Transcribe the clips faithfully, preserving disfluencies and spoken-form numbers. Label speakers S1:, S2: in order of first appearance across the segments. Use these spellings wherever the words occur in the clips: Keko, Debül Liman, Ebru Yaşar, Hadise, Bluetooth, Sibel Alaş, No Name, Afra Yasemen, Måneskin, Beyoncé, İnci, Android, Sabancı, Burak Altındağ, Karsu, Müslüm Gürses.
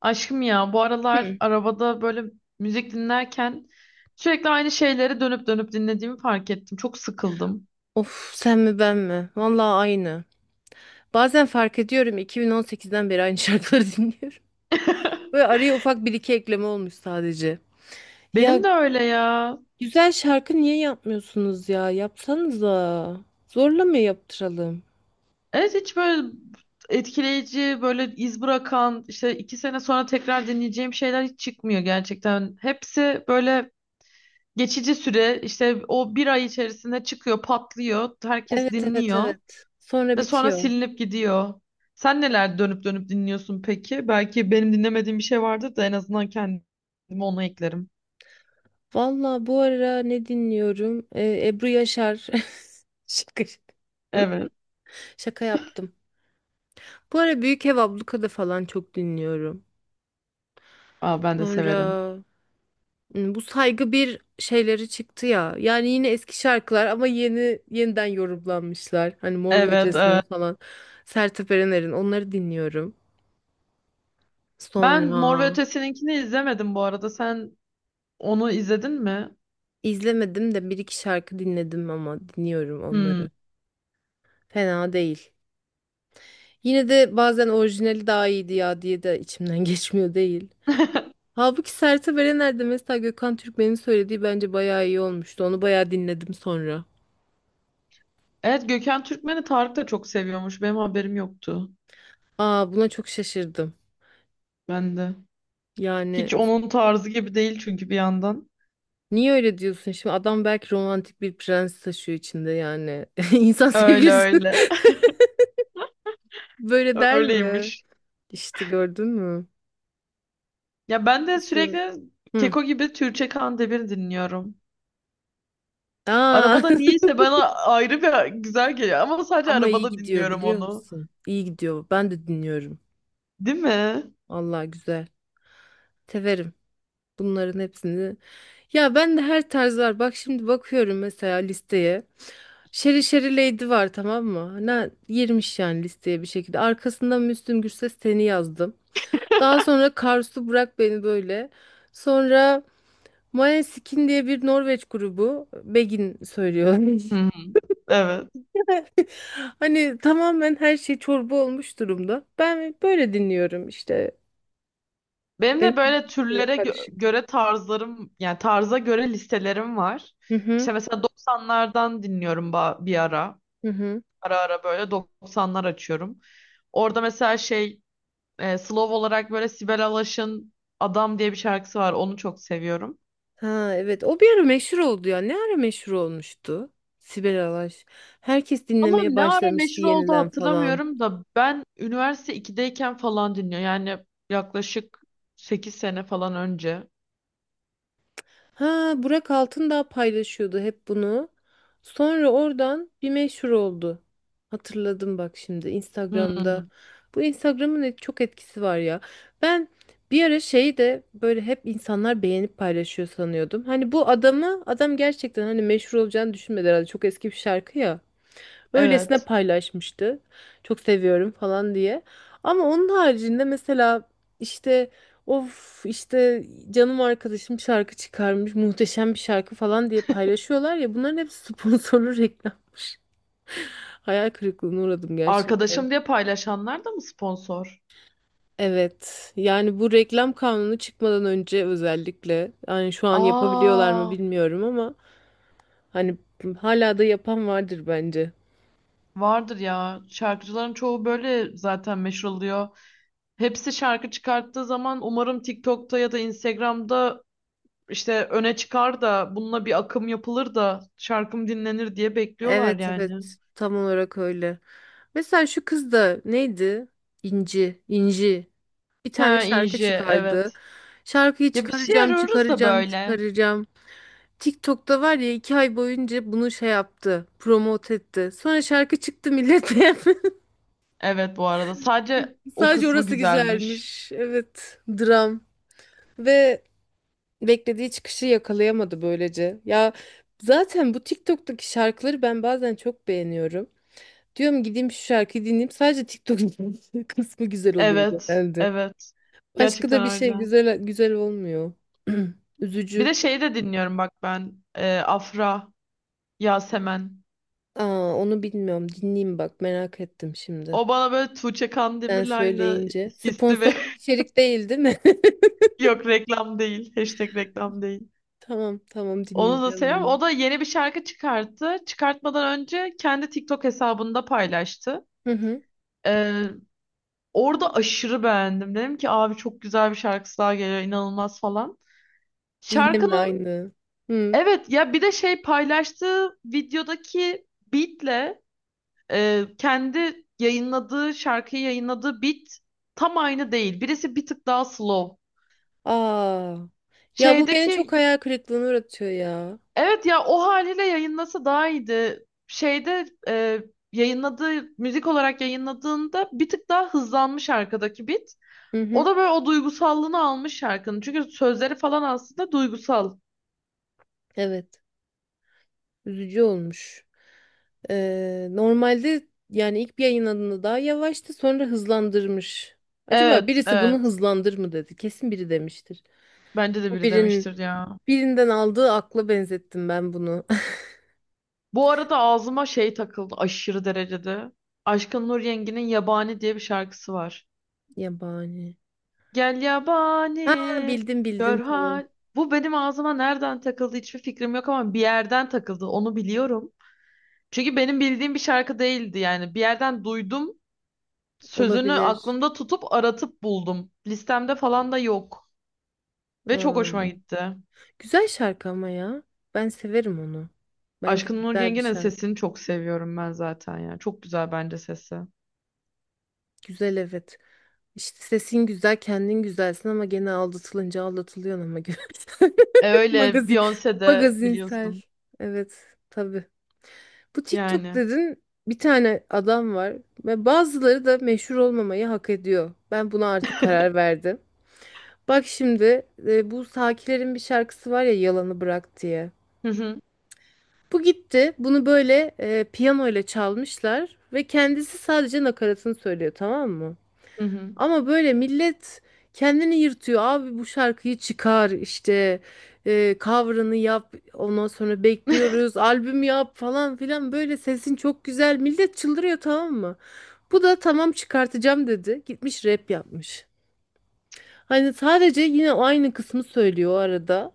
S1: Aşkım ya bu aralar arabada böyle müzik dinlerken sürekli aynı şeyleri dönüp dönüp dinlediğimi fark ettim. Çok sıkıldım.
S2: Of sen mi ben mi? Vallahi aynı. Bazen fark ediyorum iki bin on sekizden beri aynı şarkıları dinliyorum. Böyle araya ufak bir iki ekleme olmuş sadece. Ya
S1: Benim de öyle ya.
S2: güzel şarkı niye yapmıyorsunuz ya? Yapsanıza. Zorla mı yaptıralım?
S1: Evet, hiç böyle etkileyici, böyle iz bırakan, işte iki sene sonra tekrar dinleyeceğim şeyler hiç çıkmıyor gerçekten. Hepsi böyle geçici süre, işte o bir ay içerisinde çıkıyor, patlıyor, herkes
S2: Evet evet
S1: dinliyor.
S2: evet. Sonra
S1: Ve sonra
S2: bitiyor.
S1: silinip gidiyor. Sen neler dönüp dönüp dinliyorsun peki? Belki benim dinlemediğim bir şey vardır da en azından kendimi ona eklerim.
S2: Vallahi bu ara ne dinliyorum? Ee, Ebru Yaşar. Şaka, şaka.
S1: Evet.
S2: Şaka yaptım. Bu ara Büyük Ev Abluka'da falan çok dinliyorum.
S1: Aa, ben de severim.
S2: Sonra. Hmm, Bu saygı bir şeyleri çıktı ya. Yani yine eski şarkılar ama yeni yeniden yorumlanmışlar. Hani Mor ve
S1: Evet,
S2: Ötesi'nin
S1: evet.
S2: falan. Sertab Erener'in onları dinliyorum.
S1: Ben Mor ve
S2: Sonra
S1: Ötesi'ninkini izlemedim bu arada. Sen onu izledin mi?
S2: izlemedim de bir iki şarkı dinledim ama dinliyorum
S1: Hmm.
S2: onları. Fena değil. Yine de bazen orijinali daha iyiydi ya diye de içimden geçmiyor değil. Halbuki Sertab Erener'de mesela Gökhan Türkmen'in söylediği bence bayağı iyi olmuştu. Onu bayağı dinledim sonra.
S1: Evet, Gökhan Türkmen'i Tarık da çok seviyormuş. Benim haberim yoktu.
S2: Aa, buna çok şaşırdım.
S1: Ben de.
S2: Yani,
S1: Hiç onun tarzı gibi değil çünkü bir yandan.
S2: niye öyle diyorsun? Şimdi adam belki romantik bir prens taşıyor içinde yani. İnsan
S1: Öyle
S2: sevgilisi
S1: öyle.
S2: böyle der mi?
S1: Öyleymiş.
S2: İşte gördün mü?
S1: Ya ben de
S2: Neyse.
S1: sürekli
S2: Hı.
S1: Keko gibi Türkçe Kandemir dinliyorum.
S2: Aa.
S1: Arabada niyeyse bana ayrı bir güzel geliyor ama sadece
S2: Ama iyi
S1: arabada
S2: gidiyor
S1: dinliyorum
S2: biliyor
S1: onu.
S2: musun? İyi gidiyor. Ben de dinliyorum.
S1: Değil mi?
S2: Allah güzel. Severim. Bunların hepsini. Ya ben de her tarz var. Bak şimdi bakıyorum mesela listeye. Şeri Şeri Lady var tamam mı? Ne girmiş yani listeye bir şekilde. Arkasından Müslüm Gürses seni yazdım. Daha sonra Karsu Bırak Beni Böyle. Sonra Måneskin diye bir Norveç grubu. Begin söylüyor.
S1: Hı hı. Evet.
S2: Hani tamamen her şey çorba olmuş durumda. Ben böyle dinliyorum işte.
S1: Benim de böyle
S2: Benim şey
S1: türlere gö-
S2: karışık.
S1: göre tarzlarım, yani tarza göre listelerim var.
S2: Hı hı.
S1: İşte mesela doksanlardan dinliyorum ba- bir ara.
S2: Hı hı.
S1: Ara ara böyle doksanlar açıyorum. Orada mesela şey e, slow olarak böyle Sibel Alaş'ın Adam diye bir şarkısı var. Onu çok seviyorum.
S2: Ha evet, o bir ara meşhur oldu ya. Ne ara meşhur olmuştu? Sibel Alaş. Herkes
S1: Ama
S2: dinlemeye
S1: ne ara
S2: başlamıştı
S1: meşhur oldu
S2: yeniden falan.
S1: hatırlamıyorum da ben üniversite ikideyken falan dinliyorum. Yani yaklaşık sekiz sene falan önce.
S2: Ha, Burak Altındağ paylaşıyordu hep bunu. Sonra oradan bir meşhur oldu. Hatırladım bak şimdi Instagram'da.
S1: Hmm,
S2: Bu Instagram'ın et- çok etkisi var ya. Ben bir ara şeyi de böyle hep insanlar beğenip paylaşıyor sanıyordum. Hani bu adamı adam gerçekten hani meşhur olacağını düşünmedi herhalde. Çok eski bir şarkı ya. Öylesine
S1: evet.
S2: paylaşmıştı. Çok seviyorum falan diye. Ama onun haricinde mesela işte of işte canım arkadaşım şarkı çıkarmış muhteşem bir şarkı falan diye paylaşıyorlar ya, bunların hepsi sponsorlu reklam. Hayal kırıklığına uğradım gerçekten.
S1: Arkadaşım diye paylaşanlar da mı sponsor?
S2: Evet yani bu reklam kanunu çıkmadan önce özellikle, yani şu an yapabiliyorlar mı
S1: Aa,
S2: bilmiyorum ama hani hala da yapan vardır bence.
S1: vardır ya. Şarkıcıların çoğu böyle zaten meşhur oluyor. Hepsi şarkı çıkarttığı zaman umarım TikTok'ta ya da Instagram'da işte öne çıkar da bununla bir akım yapılır da şarkım dinlenir diye bekliyorlar
S2: Evet
S1: yani.
S2: evet, tam olarak öyle. Mesela şu kız da neydi? İnci, İnci. Bir tane
S1: Ha
S2: şarkı
S1: Inje,
S2: çıkardı.
S1: evet.
S2: Şarkıyı
S1: Ya bir şey
S2: çıkaracağım,
S1: arıyoruz da
S2: çıkaracağım,
S1: böyle.
S2: çıkaracağım. TikTok'ta var ya, iki ay boyunca bunu şey yaptı, promote etti. Sonra şarkı çıktı, millet beğenmedi.
S1: Evet, bu arada. Sadece o
S2: Sadece
S1: kısmı
S2: orası
S1: güzelmiş.
S2: güzelmiş. Evet, dram. Ve beklediği çıkışı yakalayamadı böylece. Ya zaten bu TikTok'taki şarkıları ben bazen çok beğeniyorum. Diyorum gideyim şu şarkıyı dinleyeyim. Sadece TikTok kısmı güzel oluyor
S1: Evet.
S2: genelde.
S1: Evet.
S2: Başka
S1: Gerçekten
S2: da bir şey
S1: öyle.
S2: güzel güzel olmuyor.
S1: Bir de
S2: Üzücü.
S1: şeyi de dinliyorum bak ben. Ee, Afra, Yasemen.
S2: Aa, onu bilmiyorum. Dinleyeyim bak, merak ettim şimdi.
S1: O bana böyle Tuğçe
S2: Sen
S1: Kandemir'le aynı
S2: söyleyince.
S1: hissi ve
S2: Sponsorlu içerik değil değil mi?
S1: yok, reklam değil. Hashtag reklam değil.
S2: Tamam tamam,
S1: Onu da
S2: dinleyeceğim
S1: seviyorum.
S2: bunu.
S1: O da yeni bir şarkı çıkarttı. Çıkartmadan önce kendi TikTok hesabında paylaştı.
S2: Hı hı.
S1: Ee, orada aşırı beğendim. Dedim ki abi çok güzel bir şarkısı daha geliyor inanılmaz falan.
S2: Yine mi
S1: Şarkının,
S2: aynı? Hı.
S1: evet ya, bir de şey, paylaştığı videodaki beatle, e, kendi yayınladığı şarkıyı yayınladığı beat tam aynı değil. Birisi bir tık daha slow.
S2: Aa. Ya bu beni çok
S1: Şeydeki,
S2: hayal kırıklığına uğratıyor ya.
S1: evet ya, o haliyle yayınlasa daha iyiydi. Şeyde, e, yayınladığı müzik olarak yayınladığında bir tık daha hızlanmış arkadaki beat.
S2: Hı
S1: O
S2: hı.
S1: da böyle o duygusallığını almış şarkının. Çünkü sözleri falan aslında duygusal.
S2: Evet. Üzücü olmuş. Ee, normalde yani ilk bir yayınladığında daha yavaştı, sonra hızlandırmış. Acaba
S1: Evet,
S2: birisi bunu
S1: evet.
S2: hızlandır mı dedi? Kesin biri demiştir.
S1: Bence de
S2: Bu
S1: biri
S2: birinin
S1: demiştir ya.
S2: birinden aldığı akla benzettim ben bunu.
S1: Bu arada ağzıma şey takıldı aşırı derecede. Aşkın Nur Yengi'nin Yabani diye bir şarkısı var.
S2: Yabani.
S1: Gel
S2: Ha,
S1: yabani
S2: bildim
S1: gör
S2: bildim tamam.
S1: hal. Bu benim ağzıma nereden takıldı hiçbir fikrim yok ama bir yerden takıldı onu biliyorum. Çünkü benim bildiğim bir şarkı değildi yani. Bir yerden duydum, sözünü
S2: Olabilir.
S1: aklımda tutup aratıp buldum. Listemde falan da yok. Ve çok hoşuma
S2: Hmm.
S1: gitti.
S2: Güzel şarkı ama ya. Ben severim onu. Bence
S1: Aşkın Nur
S2: güzel bir
S1: Yengi'nin
S2: şarkı.
S1: sesini çok seviyorum ben zaten ya. Çok güzel bence sesi.
S2: Güzel evet. İşte sesin güzel, kendin güzelsin ama gene aldatılınca aldatılıyorsun ama güzel.
S1: E öyle
S2: Magazin,
S1: Beyoncé de
S2: magazinsel.
S1: biliyorsun.
S2: Evet, tabii. Bu TikTok
S1: Yani.
S2: dedin, bir tane adam var ve bazıları da meşhur olmamayı hak ediyor. Ben buna artık karar verdim. Bak şimdi e, bu Sakiler'in bir şarkısı var ya, Yalanı Bırak diye.
S1: Hı hı.
S2: Bu gitti. Bunu böyle e, piyano ile çalmışlar ve kendisi sadece nakaratını söylüyor tamam mı?
S1: Hı hı.
S2: Ama böyle millet kendini yırtıyor. Abi bu şarkıyı çıkar işte, e, cover'ını yap, ondan sonra bekliyoruz, albüm yap falan filan, böyle sesin çok güzel, millet çıldırıyor tamam mı? Bu da tamam çıkartacağım dedi, gitmiş rap yapmış. Hani sadece yine o aynı kısmı söylüyor o arada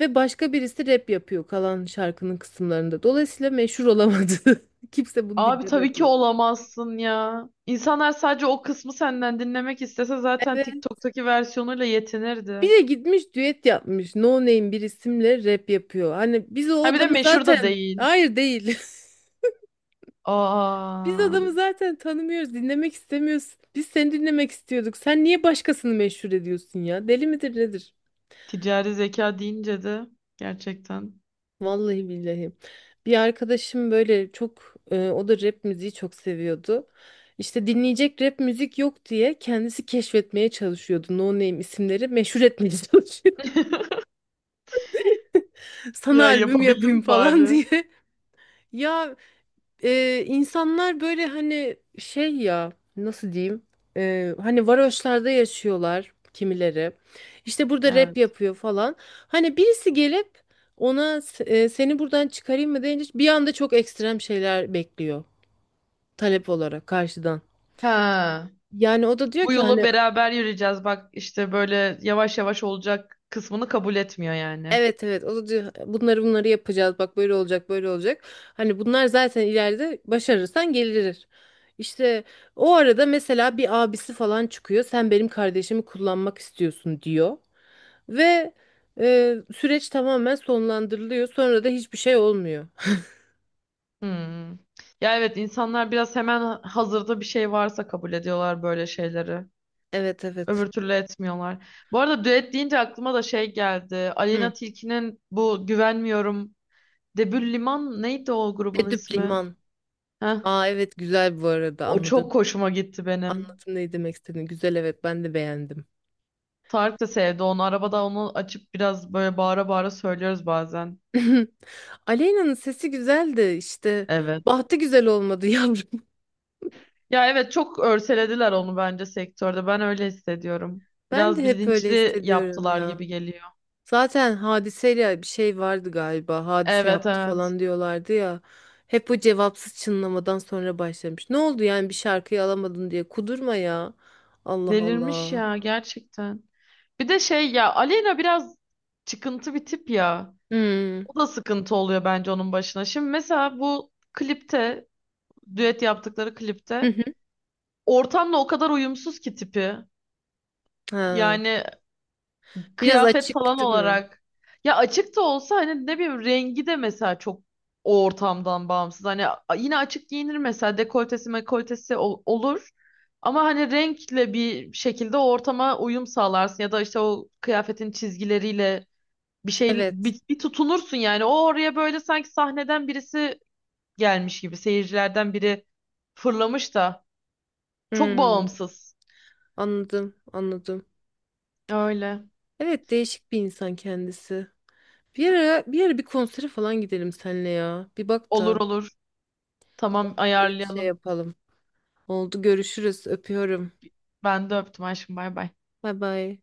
S2: ve başka birisi rap yapıyor kalan şarkının kısımlarında. Dolayısıyla meşhur olamadı. Kimse bunu
S1: Abi tabii ki
S2: dinlemedi.
S1: olamazsın ya. İnsanlar sadece o kısmı senden dinlemek istese zaten
S2: Evet.
S1: TikTok'taki versiyonuyla
S2: Bir
S1: yetinirdi.
S2: de gitmiş düet yapmış. No Name bir isimle rap yapıyor. Hani biz o
S1: Ha bir de
S2: adamı
S1: meşhur da
S2: zaten,
S1: değil.
S2: hayır değil. Biz
S1: Aa,
S2: adamı zaten tanımıyoruz, dinlemek istemiyoruz. Biz seni dinlemek istiyorduk. Sen niye başkasını meşhur ediyorsun ya? Deli midir nedir?
S1: ticari zeka deyince de gerçekten.
S2: Vallahi billahi. Bir arkadaşım böyle çok e, o da rap müziği çok seviyordu. İşte dinleyecek rap müzik yok diye kendisi keşfetmeye çalışıyordu. No Name isimleri meşhur etmeye çalışıyordu. Sana
S1: Ya
S2: albüm
S1: yapabildim
S2: yapayım
S1: mi
S2: falan
S1: bari?
S2: diye. Ya e, insanlar böyle hani şey ya nasıl diyeyim. E, hani varoşlarda yaşıyorlar kimileri, işte burada rap
S1: Evet.
S2: yapıyor falan, hani birisi gelip ona s- e, seni buradan çıkarayım mı deyince bir anda çok ekstrem şeyler bekliyor talep olarak karşıdan.
S1: Ha.
S2: Yani o da diyor
S1: Bu
S2: ki
S1: yolu
S2: hani.
S1: beraber yürüyeceğiz. Bak işte böyle yavaş yavaş olacak kısmını kabul etmiyor yani.
S2: Evet evet, o da diyor bunları bunları yapacağız, bak böyle olacak böyle olacak. Hani bunlar zaten ileride başarırsan gelir. İşte o arada mesela bir abisi falan çıkıyor, sen benim kardeşimi kullanmak istiyorsun diyor. Ve e, süreç tamamen sonlandırılıyor, sonra da hiçbir şey olmuyor.
S1: Hmm. Ya evet, insanlar biraz hemen hazırda bir şey varsa kabul ediyorlar böyle şeyleri.
S2: Evet
S1: Öbür
S2: evet.
S1: türlü etmiyorlar. Bu arada düet deyince aklıma da şey geldi.
S2: Hı.
S1: Aleyna Tilki'nin bu Güvenmiyorum. Debül Liman, neydi o grubun
S2: Edüp
S1: ismi?
S2: liman.
S1: Heh.
S2: Aa evet, güzel bu arada,
S1: O
S2: anladım.
S1: çok hoşuma gitti benim.
S2: Anladım ne demek istediğini. Güzel evet, ben de beğendim.
S1: Tarık da sevdi onu. Arabada onu açıp biraz böyle bağıra bağıra söylüyoruz bazen.
S2: Aleyna'nın sesi güzeldi işte.
S1: Evet.
S2: Bahtı güzel olmadı yavrum.
S1: Ya evet, çok örselediler onu bence sektörde. Ben öyle hissediyorum.
S2: Ben de
S1: Biraz
S2: hep öyle
S1: bilinçli
S2: hissediyorum
S1: yaptılar
S2: ya.
S1: gibi geliyor.
S2: Zaten hadiseyle bir şey vardı galiba. Hadise
S1: Evet,
S2: yaptı
S1: evet.
S2: falan diyorlardı ya. Hep o cevapsız çınlamadan sonra başlamış. Ne oldu yani, bir şarkıyı alamadın diye kudurma ya. Allah
S1: Delirmiş
S2: Allah.
S1: ya gerçekten. Bir de şey ya, Aleyna biraz çıkıntı bir tip ya.
S2: Hmm.
S1: O da sıkıntı oluyor bence onun başına. Şimdi mesela bu klipte, düet yaptıkları
S2: Hı
S1: klipte,
S2: hı.
S1: ortamla o kadar uyumsuz ki tipi.
S2: Ha.
S1: Yani
S2: Biraz
S1: kıyafet
S2: açık
S1: falan
S2: değil mi?
S1: olarak. Ya açık da olsa hani ne bileyim rengi de mesela çok o ortamdan bağımsız. Hani a- yine açık giyinir mesela, dekoltesi mekoltesi ol- olur. Ama hani renkle bir şekilde o ortama uyum sağlarsın ya da işte o kıyafetin çizgileriyle bir şey
S2: Evet.
S1: bir, bir tutunursun yani. O oraya böyle sanki sahneden birisi gelmiş gibi, seyircilerden biri fırlamış da, çok
S2: Hmm.
S1: bağımsız.
S2: Anladım, anladım.
S1: Öyle.
S2: Evet, değişik bir insan kendisi. Bir ara, bir ara bir konsere falan gidelim seninle ya. Bir bak
S1: Olur
S2: da
S1: olur. Tamam,
S2: böyle bir şey
S1: ayarlayalım.
S2: yapalım. Oldu, görüşürüz. Öpüyorum.
S1: Ben de öptüm aşkım, bay bay.
S2: Bay bay.